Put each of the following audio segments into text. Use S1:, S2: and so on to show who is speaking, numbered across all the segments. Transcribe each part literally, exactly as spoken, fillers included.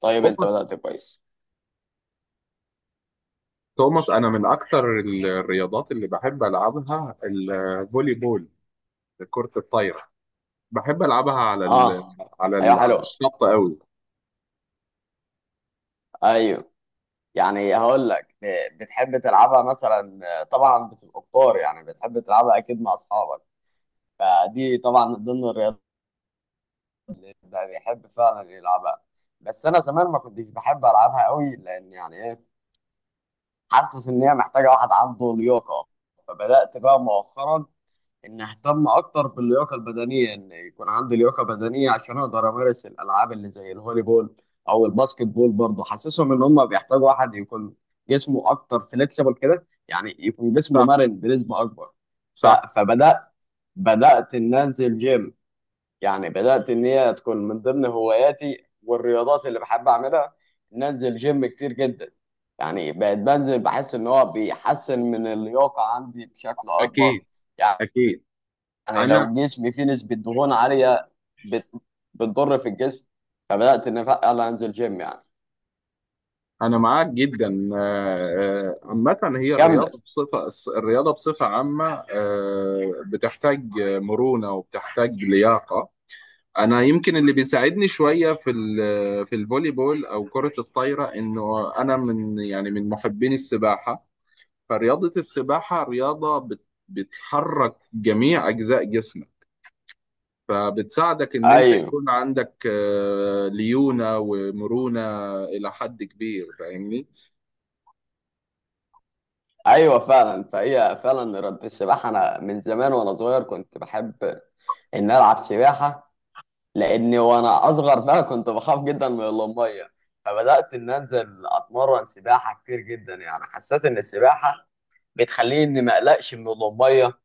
S1: طيب، انت
S2: توماس.
S1: بدأت كويس.
S2: توماس، انا من اكتر ال- الرياضات اللي بحب العبها الفولي بول. كرة الطايرة. بحب العبها على ال
S1: اه.
S2: على
S1: ايوه،
S2: ال على
S1: حلو.
S2: الشط قوي.
S1: ايوه. يعني هقول لك، ب- بتحب تلعبها مثلا، آه، طبعا بتبقى كتار، يعني بتحب تلعبها اكيد مع اصحابك. فدي طبعا من ضمن الرياضات اللي ده بيحب فعلا يلعبها. بس انا زمان ما كنتش بحب العبها قوي، لان يعني ايه، حاسس ان هي محتاجه واحد عنده لياقه. فبدأت بقى مؤخرا ان اهتم اكتر باللياقه البدنيه، ان يكون عندي لياقه بدنيه عشان اقدر امارس الالعاب اللي زي الهولي بول او الباسكت بول، برضه حاسسهم ان هم بيحتاجوا واحد يكون جسمه اكتر فليكسيبل كده، يعني يكون جسمه
S2: صح.
S1: مرن بنسبه اكبر. ف...
S2: صح.
S1: فبدات بدات ان انزل جيم، يعني بدات ان هي تكون من ضمن هواياتي والرياضات اللي بحب اعملها، ان انزل جيم كتير جدا. يعني بقيت بنزل بحس ان هو بيحسن من اللياقه عندي بشكل اكبر.
S2: اكيد.
S1: يعني
S2: اكيد.
S1: يعني
S2: انا
S1: لو جسمي فيه نسبة دهون عالية، بت... بتضر في الجسم. فبدأت إن فعلا أنزل جيم يعني.
S2: انا معاك جدا. آه، آه، عامة، هي
S1: كمل.
S2: الرياضة بصفة الرياضة بصفة عامة آه، بتحتاج مرونة وبتحتاج لياقة. انا يمكن اللي بيساعدني شويه في ال- في الفولي بول او كره الطايره، انه انا من يعني من محبين السباحه. فرياضة السباحة رياضة بت- بتحرك جميع أجزاء جسمك، فبتساعدك إن أنت
S1: أيوه،
S2: يكون عندك آه، ليونة ومرونة إلى حد كبير. فاهمني؟
S1: أيوه، فعلا. فهي فعلا رب السباحة، أنا من زمان وأنا صغير كنت بحب إن ألعب سباحة، لأني وأنا أصغر بقى كنت بخاف جدا من المية. فبدأت إن أنزل أتمرن سباحة كتير جدا، يعني حسيت إن السباحة بتخليني إني ما أقلقش من المية.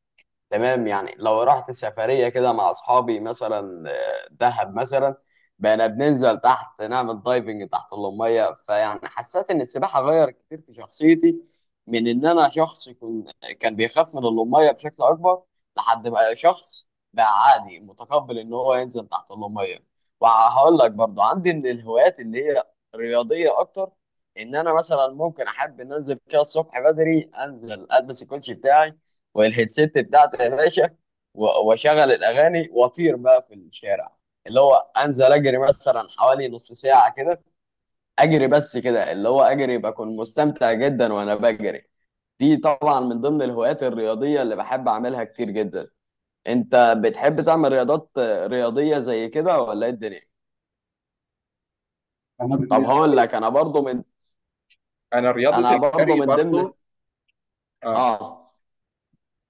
S1: تمام، يعني لو رحت سفرية كده مع أصحابي مثلا، آه، دهب مثلا، بقينا بننزل تحت نعمل دايفنج تحت المية، فيعني حسيت إن السباحة غير كتير في شخصيتي، من إن أنا شخص كن- كان بيخاف من المية بشكل أكبر لحد بقى شخص بقى عادي متقبل إن هو ينزل تحت المية. وهقول لك برضو عندي من الهوايات اللي هي رياضية أكتر، إن أنا مثلا ممكن أحب إن أنزل كده الصبح بدري، أنزل ألبس الكوتشي بتاعي والهيدسيت بتاعتي يا باشا، و- واشغل الاغاني واطير بقى في الشارع، اللي هو انزل اجري مثلا حوالي نص ساعه كده. اجري بس كده، اللي هو اجري، بكون مستمتع جدا وانا بجري. دي طبعا من ضمن الهوايات الرياضيه اللي بحب اعملها كتير جدا. انت بتحب تعمل رياضات رياضيه زي كده، ولا ايه الدنيا؟
S2: أنا
S1: طب
S2: بالنسبة
S1: هقول
S2: لي
S1: لك، انا برضو من
S2: أنا رياضة
S1: انا برضو
S2: الجري
S1: من ضمن.
S2: برضو. آه
S1: اه،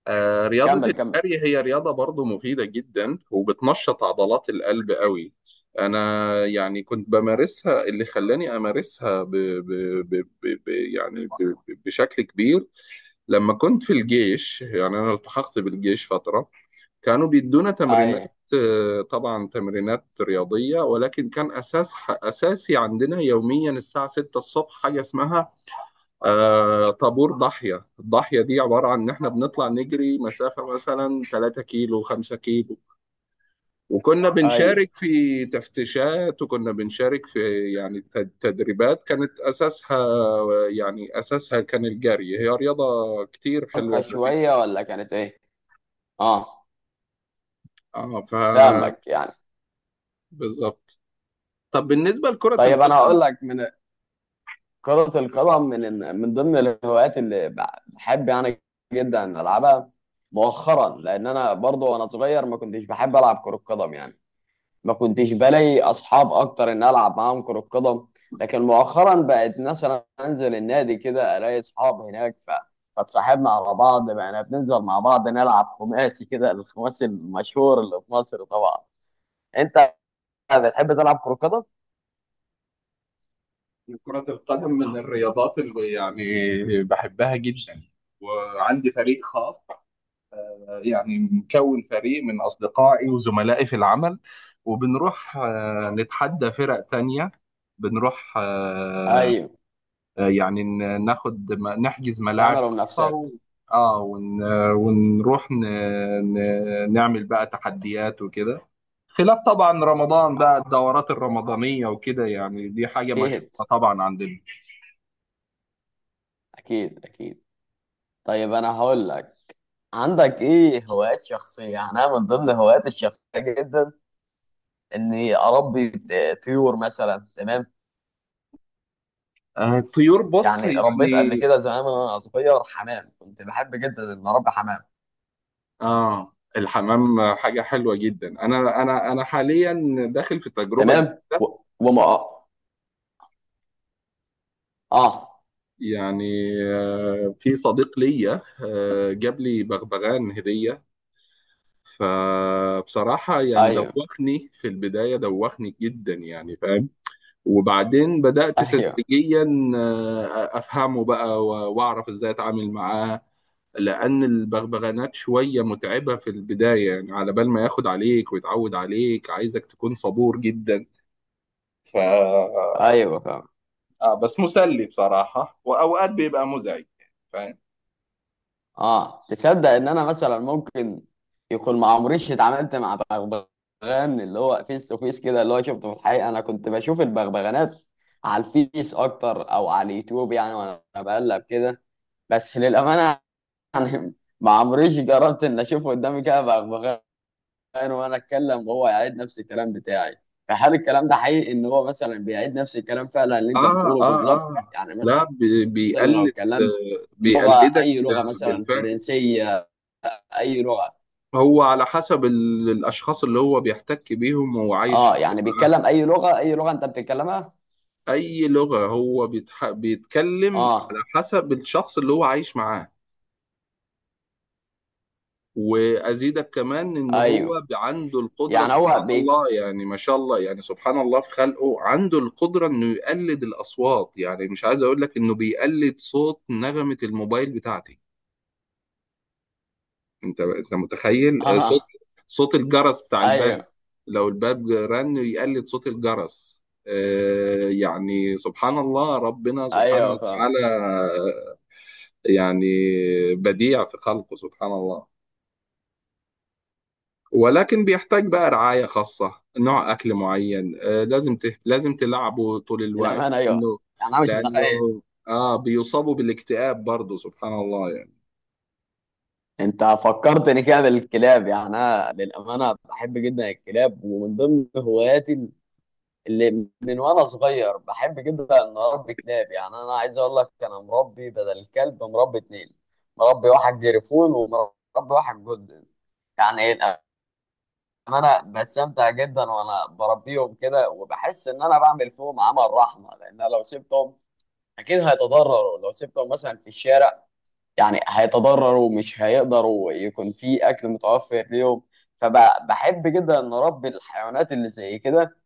S2: آه، رياضة
S1: كمل كمل.
S2: الجري هي رياضة برضو مفيدة جدا، وبتنشط عضلات القلب قوي. أنا يعني كنت بمارسها، اللي خلاني أمارسها ب... ب... ب... ب... ب... يعني ب... ب- بشكل كبير لما كنت في الجيش. يعني أنا التحقت بالجيش فترة، كانوا بيدونا تمرينات،
S1: ايوه،
S2: آه، طبعا تمرينات رياضية. ولكن كان أساس أساسي عندنا يوميا الساعة ستة الصبح حاجة اسمها آه، طابور ضاحية. الضاحية دي عبارة عن إن إحنا بنطلع نجري مسافة مثلا ثلاثة كيلو، خمسة كيلو. وكنا
S1: ايوه.
S2: بنشارك في تفتيشات، وكنا بنشارك في يعني تد- تدريبات كانت أساسها، يعني أساسها كان الجري. هي رياضة كتير حلوة
S1: أبقى شويه،
S2: ومفيدة.
S1: ولا كانت ايه. اه،
S2: اه. ف
S1: فاهمك يعني.
S2: بالظبط. طب بالنسبة لكرة
S1: طيب انا
S2: القدم،
S1: هقول لك، من كرة القدم، من من ضمن الهوايات اللي بحب يعني جدا العبها مؤخرا، لان انا برضو وانا صغير ما كنتش بحب العب كرة قدم، يعني ما كنتش بلاقي اصحاب اكتر ان العب معاهم كرة قدم. لكن مؤخرا بقت مثلا انزل النادي كده الاقي اصحاب هناك، ف... فتصاحبنا على بعض بقينا بننزل مع بعض نلعب خماسي كده، الخماسي المشهور اللي في مصر طبعا. انت بتحب تلعب كرة قدم؟
S2: كرة القدم من الرياضات اللي يعني بحبها جدا. وعندي فريق خاص، آه، يعني مكون فريق من أصدقائي وزملائي في العمل. وبنروح آه، نتحدى فرق تانية. بنروح آه،
S1: ايوه،
S2: آه، يعني ن- ناخد م- نحجز ملاعب
S1: تعملوا
S2: خاصة.
S1: منافسات.
S2: و... اه. ون... ونروح ن... ن... نعمل بقى تحديات وكده. خلاف طبعا رمضان بقى، الدورات الرمضانية وكده، يعني دي حاجة مشهورة
S1: اكيد،
S2: طبعا عندنا.
S1: اكيد، اكيد. طيب انا هقول لك، عندك ايه هوايات شخصيه؟ يعني انا من ضمن هواياتي الشخصيه جدا اني اربي ت- طيور مثلا، تمام.
S2: آه، الطيور، بص
S1: يعني ربيت قبل
S2: يعني.
S1: كده زمان وانا صغير حمام، كنت بحب جدا ان اربي حمام.
S2: اه. الحمام حاجة حلوة جدا. انا انا انا حاليا داخل في تجربة
S1: تمام. و...
S2: جديدة.
S1: وما. اه.
S2: يعني آه، في صديق ليا آه، جاب لي بغبغان هدية، فبصراحة يعني
S1: ايوه،
S2: دوخني في البداية، دوخني جدا يعني. فاهم. وبعدين بدأت
S1: ايوه،
S2: تدريجيا آه، أفهمه بقى و- وأعرف إزاي أتعامل معاه، لأن البغبغانات شوية متعبة في البداية، يعني على بال ما ياخد عليك ويتعود عليك عايزك تكون صبور جدا. ف
S1: ايوه.
S2: آه بس مسلي بصراحة، وأوقات بيبقى مزعج. فاهم؟
S1: اه، تصدق ان انا مثلا ممكن يكون ما عمريش اتعاملت مع بغبغان اللي هو فيس تو فيس كده، اللي هو شفته في الحقيقه، انا كنت بشوف البغبغانات على الفيس اكتر او على اليوتيوب يعني وانا بقلب كده. بس للامانه ما عمريش جربت ان اشوف قدامي كده بغبغان وانا اتكلم وهو يعيد نفس الكلام بتاعي. فهل الكلام ده حقيقي، ان هو مثلا بيعيد نفس الكلام فعلا اللي انت
S2: آه،
S1: بتقوله
S2: آه،
S1: بالظبط
S2: آه،
S1: يعني، مثلا
S2: لا، بي-
S1: لو
S2: بيقلد
S1: اتكلمت
S2: آه،
S1: لغه،
S2: بيقلدك
S1: اي لغه
S2: آه،
S1: مثلا،
S2: بالفعل.
S1: فرنسيه، اي لغه؟
S2: هو على حسب ال- الأشخاص اللي هو بيحتك بيهم وهو
S1: اه،
S2: عايش
S1: يعني
S2: معاهم.
S1: بيتكلم اي لغه، اي لغه انت بتتكلمها؟
S2: أي لغة هو بيتح... بيتكلم على
S1: اه،
S2: حسب الشخص اللي هو عايش معاه. وأزيدك كمان إن
S1: ايوه.
S2: هو ب- عنده القدرة،
S1: يعني هو
S2: سبحان
S1: بي
S2: الله، يعني ما شاء الله، يعني سبحان الله في خلقه، عنده القدرة إنه يقلد الأصوات. يعني مش عايز أقول لك إنه بيقلد صوت نغمة الموبايل بتاعتي. انت انت متخيل؟ آه، صوت
S1: اه،
S2: صوت الجرس بتاع الباب.
S1: ايوه،
S2: لو الباب رن يقلد صوت الجرس، آه، يعني سبحان الله، ربنا سبحانه
S1: ايوه، فاهم.
S2: وتعالى، آه، يعني بديع في خلقه، سبحان الله. ولكن بيحتاج بقى رعاية خاصة، نوع أكل معين، آه، لازم تهت... لازم تلعبه طول الوقت،
S1: للامانه، ايوه
S2: إنه
S1: يعني، انا مش متخيل.
S2: لأنه آه بيصابوا بالاكتئاب برضه، سبحان الله يعني.
S1: انت فكرتني كده بالكلاب، يعني انا للامانه بحب جدا الكلاب، ومن ضمن هواياتي اللي من وانا صغير بحب جدا ان اربي كلاب. يعني انا عايز اقول لك، انا مربي بدل الكلب مربي اتنين، مربي واحد جريفون ومربي واحد جولدن. يعني ان انا بستمتع جدا وانا بربيهم كده، وبحس ان انا بعمل فيهم عمل رحمه، لان أنا لو سبتهم اكيد هيتضرروا، لو سبتهم مثلا في الشارع يعني هيتضرروا، مش هيقدروا يكون في اكل متوفر ليهم. فبحب جدا ان اربي الحيوانات اللي زي كده،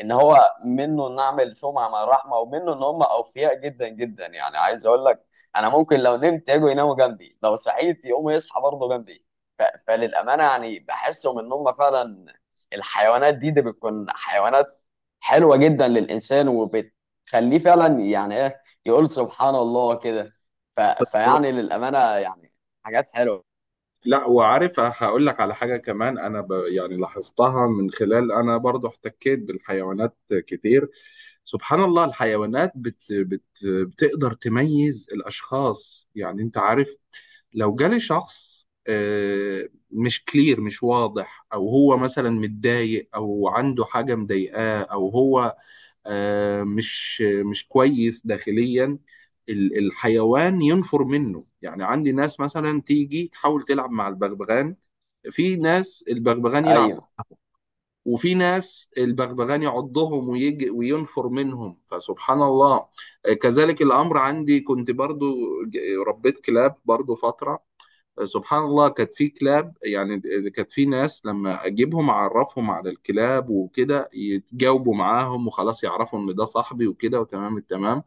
S1: ان هو منه نعمل شمعة مع الرحمة، ومنه ان هم اوفياء جدا جدا، يعني عايز اقول لك انا ممكن لو نمت يجوا يناموا جنبي، لو صحيت يقوموا يصحى برضه جنبي. ف... فللأمانة يعني بحسهم ان هم فعلا الحيوانات دي دي بتكون حيوانات حلوة جدا للإنسان، وبتخليه فعلا يعني ايه يقول سبحان الله كده. ف... فيعني للأمانة يعني حاجات حلوة.
S2: لا، وعارف هقول لك على حاجة كمان. أنا ب... يعني لاحظتها من خلال أنا برضو احتكيت بالحيوانات كتير. سبحان الله، الحيوانات بت... بت... بتقدر تميز الأشخاص. يعني أنت عارف، لو جالي شخص آه، مش كلير، مش واضح، أو هو مثلا متضايق، أو عنده حاجة مضايقاه، أو هو آه، مش مش كويس داخليا، ال- الحيوان ينفر منه. يعني عندي ناس مثلا تيجي تحاول تلعب مع البغبغان، في ناس البغبغان يلعب،
S1: ايوه.
S2: وفي ناس البغبغان يعضهم ويجي وينفر منهم، فسبحان الله. آه، كذلك الأمر عندي. كنت برضو ج- ربيت كلاب برضو فترة. سبحان الله، كانت في كلاب، يعني كانت في ناس لما اجيبهم اعرفهم على الكلاب وكده يتجاوبوا معاهم وخلاص، يعرفوا ان ده صاحبي وكده وتمام التمام.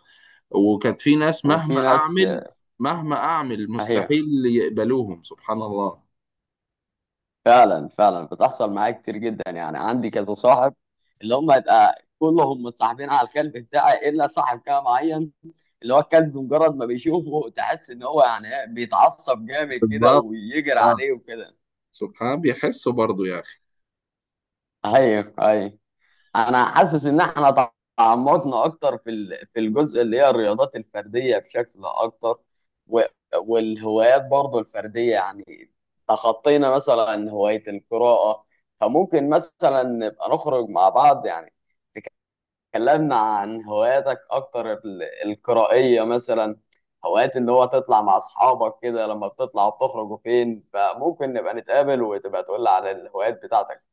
S2: وكانت في ناس مهما
S1: وفي ناس.
S2: اعمل، مهما اعمل،
S1: اهي،
S2: مستحيل يقبلوهم، سبحان الله.
S1: فعلا فعلا بتحصل معايا كتير جدا، يعني عندي كذا صاحب اللي هم يبقى كلهم متصاحبين على الكلب بتاعي الا صاحب كده معين، اللي هو الكلب مجرد ما بيشوفه تحس ان هو يعني إيه، بيتعصب جامد كده
S2: بالظبط.
S1: ويجري
S2: اه.
S1: عليه وكده.
S2: سبحان بيحسوا برضو يا اخي.
S1: ايوه، ايوه. انا حاسس ان احنا تعمقنا اكتر في ال- في الجزء اللي هي الرياضات الفرديه بشكل اكتر، و- والهوايات برضو الفرديه، يعني تخطينا مثلا هوايه القراءه. فممكن مثلا نبقى نخرج مع بعض، يعني تكلمنا عن هواياتك اكتر ال- القرائيه مثلا، هوايات اللي هو تطلع مع اصحابك كده، لما بتطلع بتخرجوا فين، فممكن نبقى نتقابل وتبقى تقول لي على الهوايات بتاعتك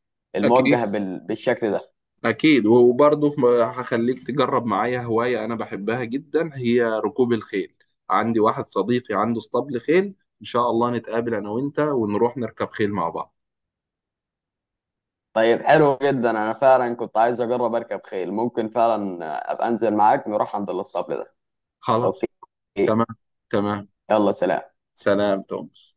S2: اكيد.
S1: الموجهه بال- بالشكل ده.
S2: أكيد. وبرضه هخليك تجرب معايا هواية أنا بحبها جدا، هي ركوب الخيل. عندي واحد صديقي عنده اسطبل خيل، إن شاء الله نتقابل أنا وأنت ونروح نركب خيل مع بعض.
S1: طيب، حلو جدا، انا فعلا كنت عايز اجرب اركب خيل، ممكن فعلا ابقى انزل معاك نروح عند الاسطبل ده. اوكي.
S2: خلاص. تمام. تمام.
S1: يلا، سلام.
S2: سلام تومس.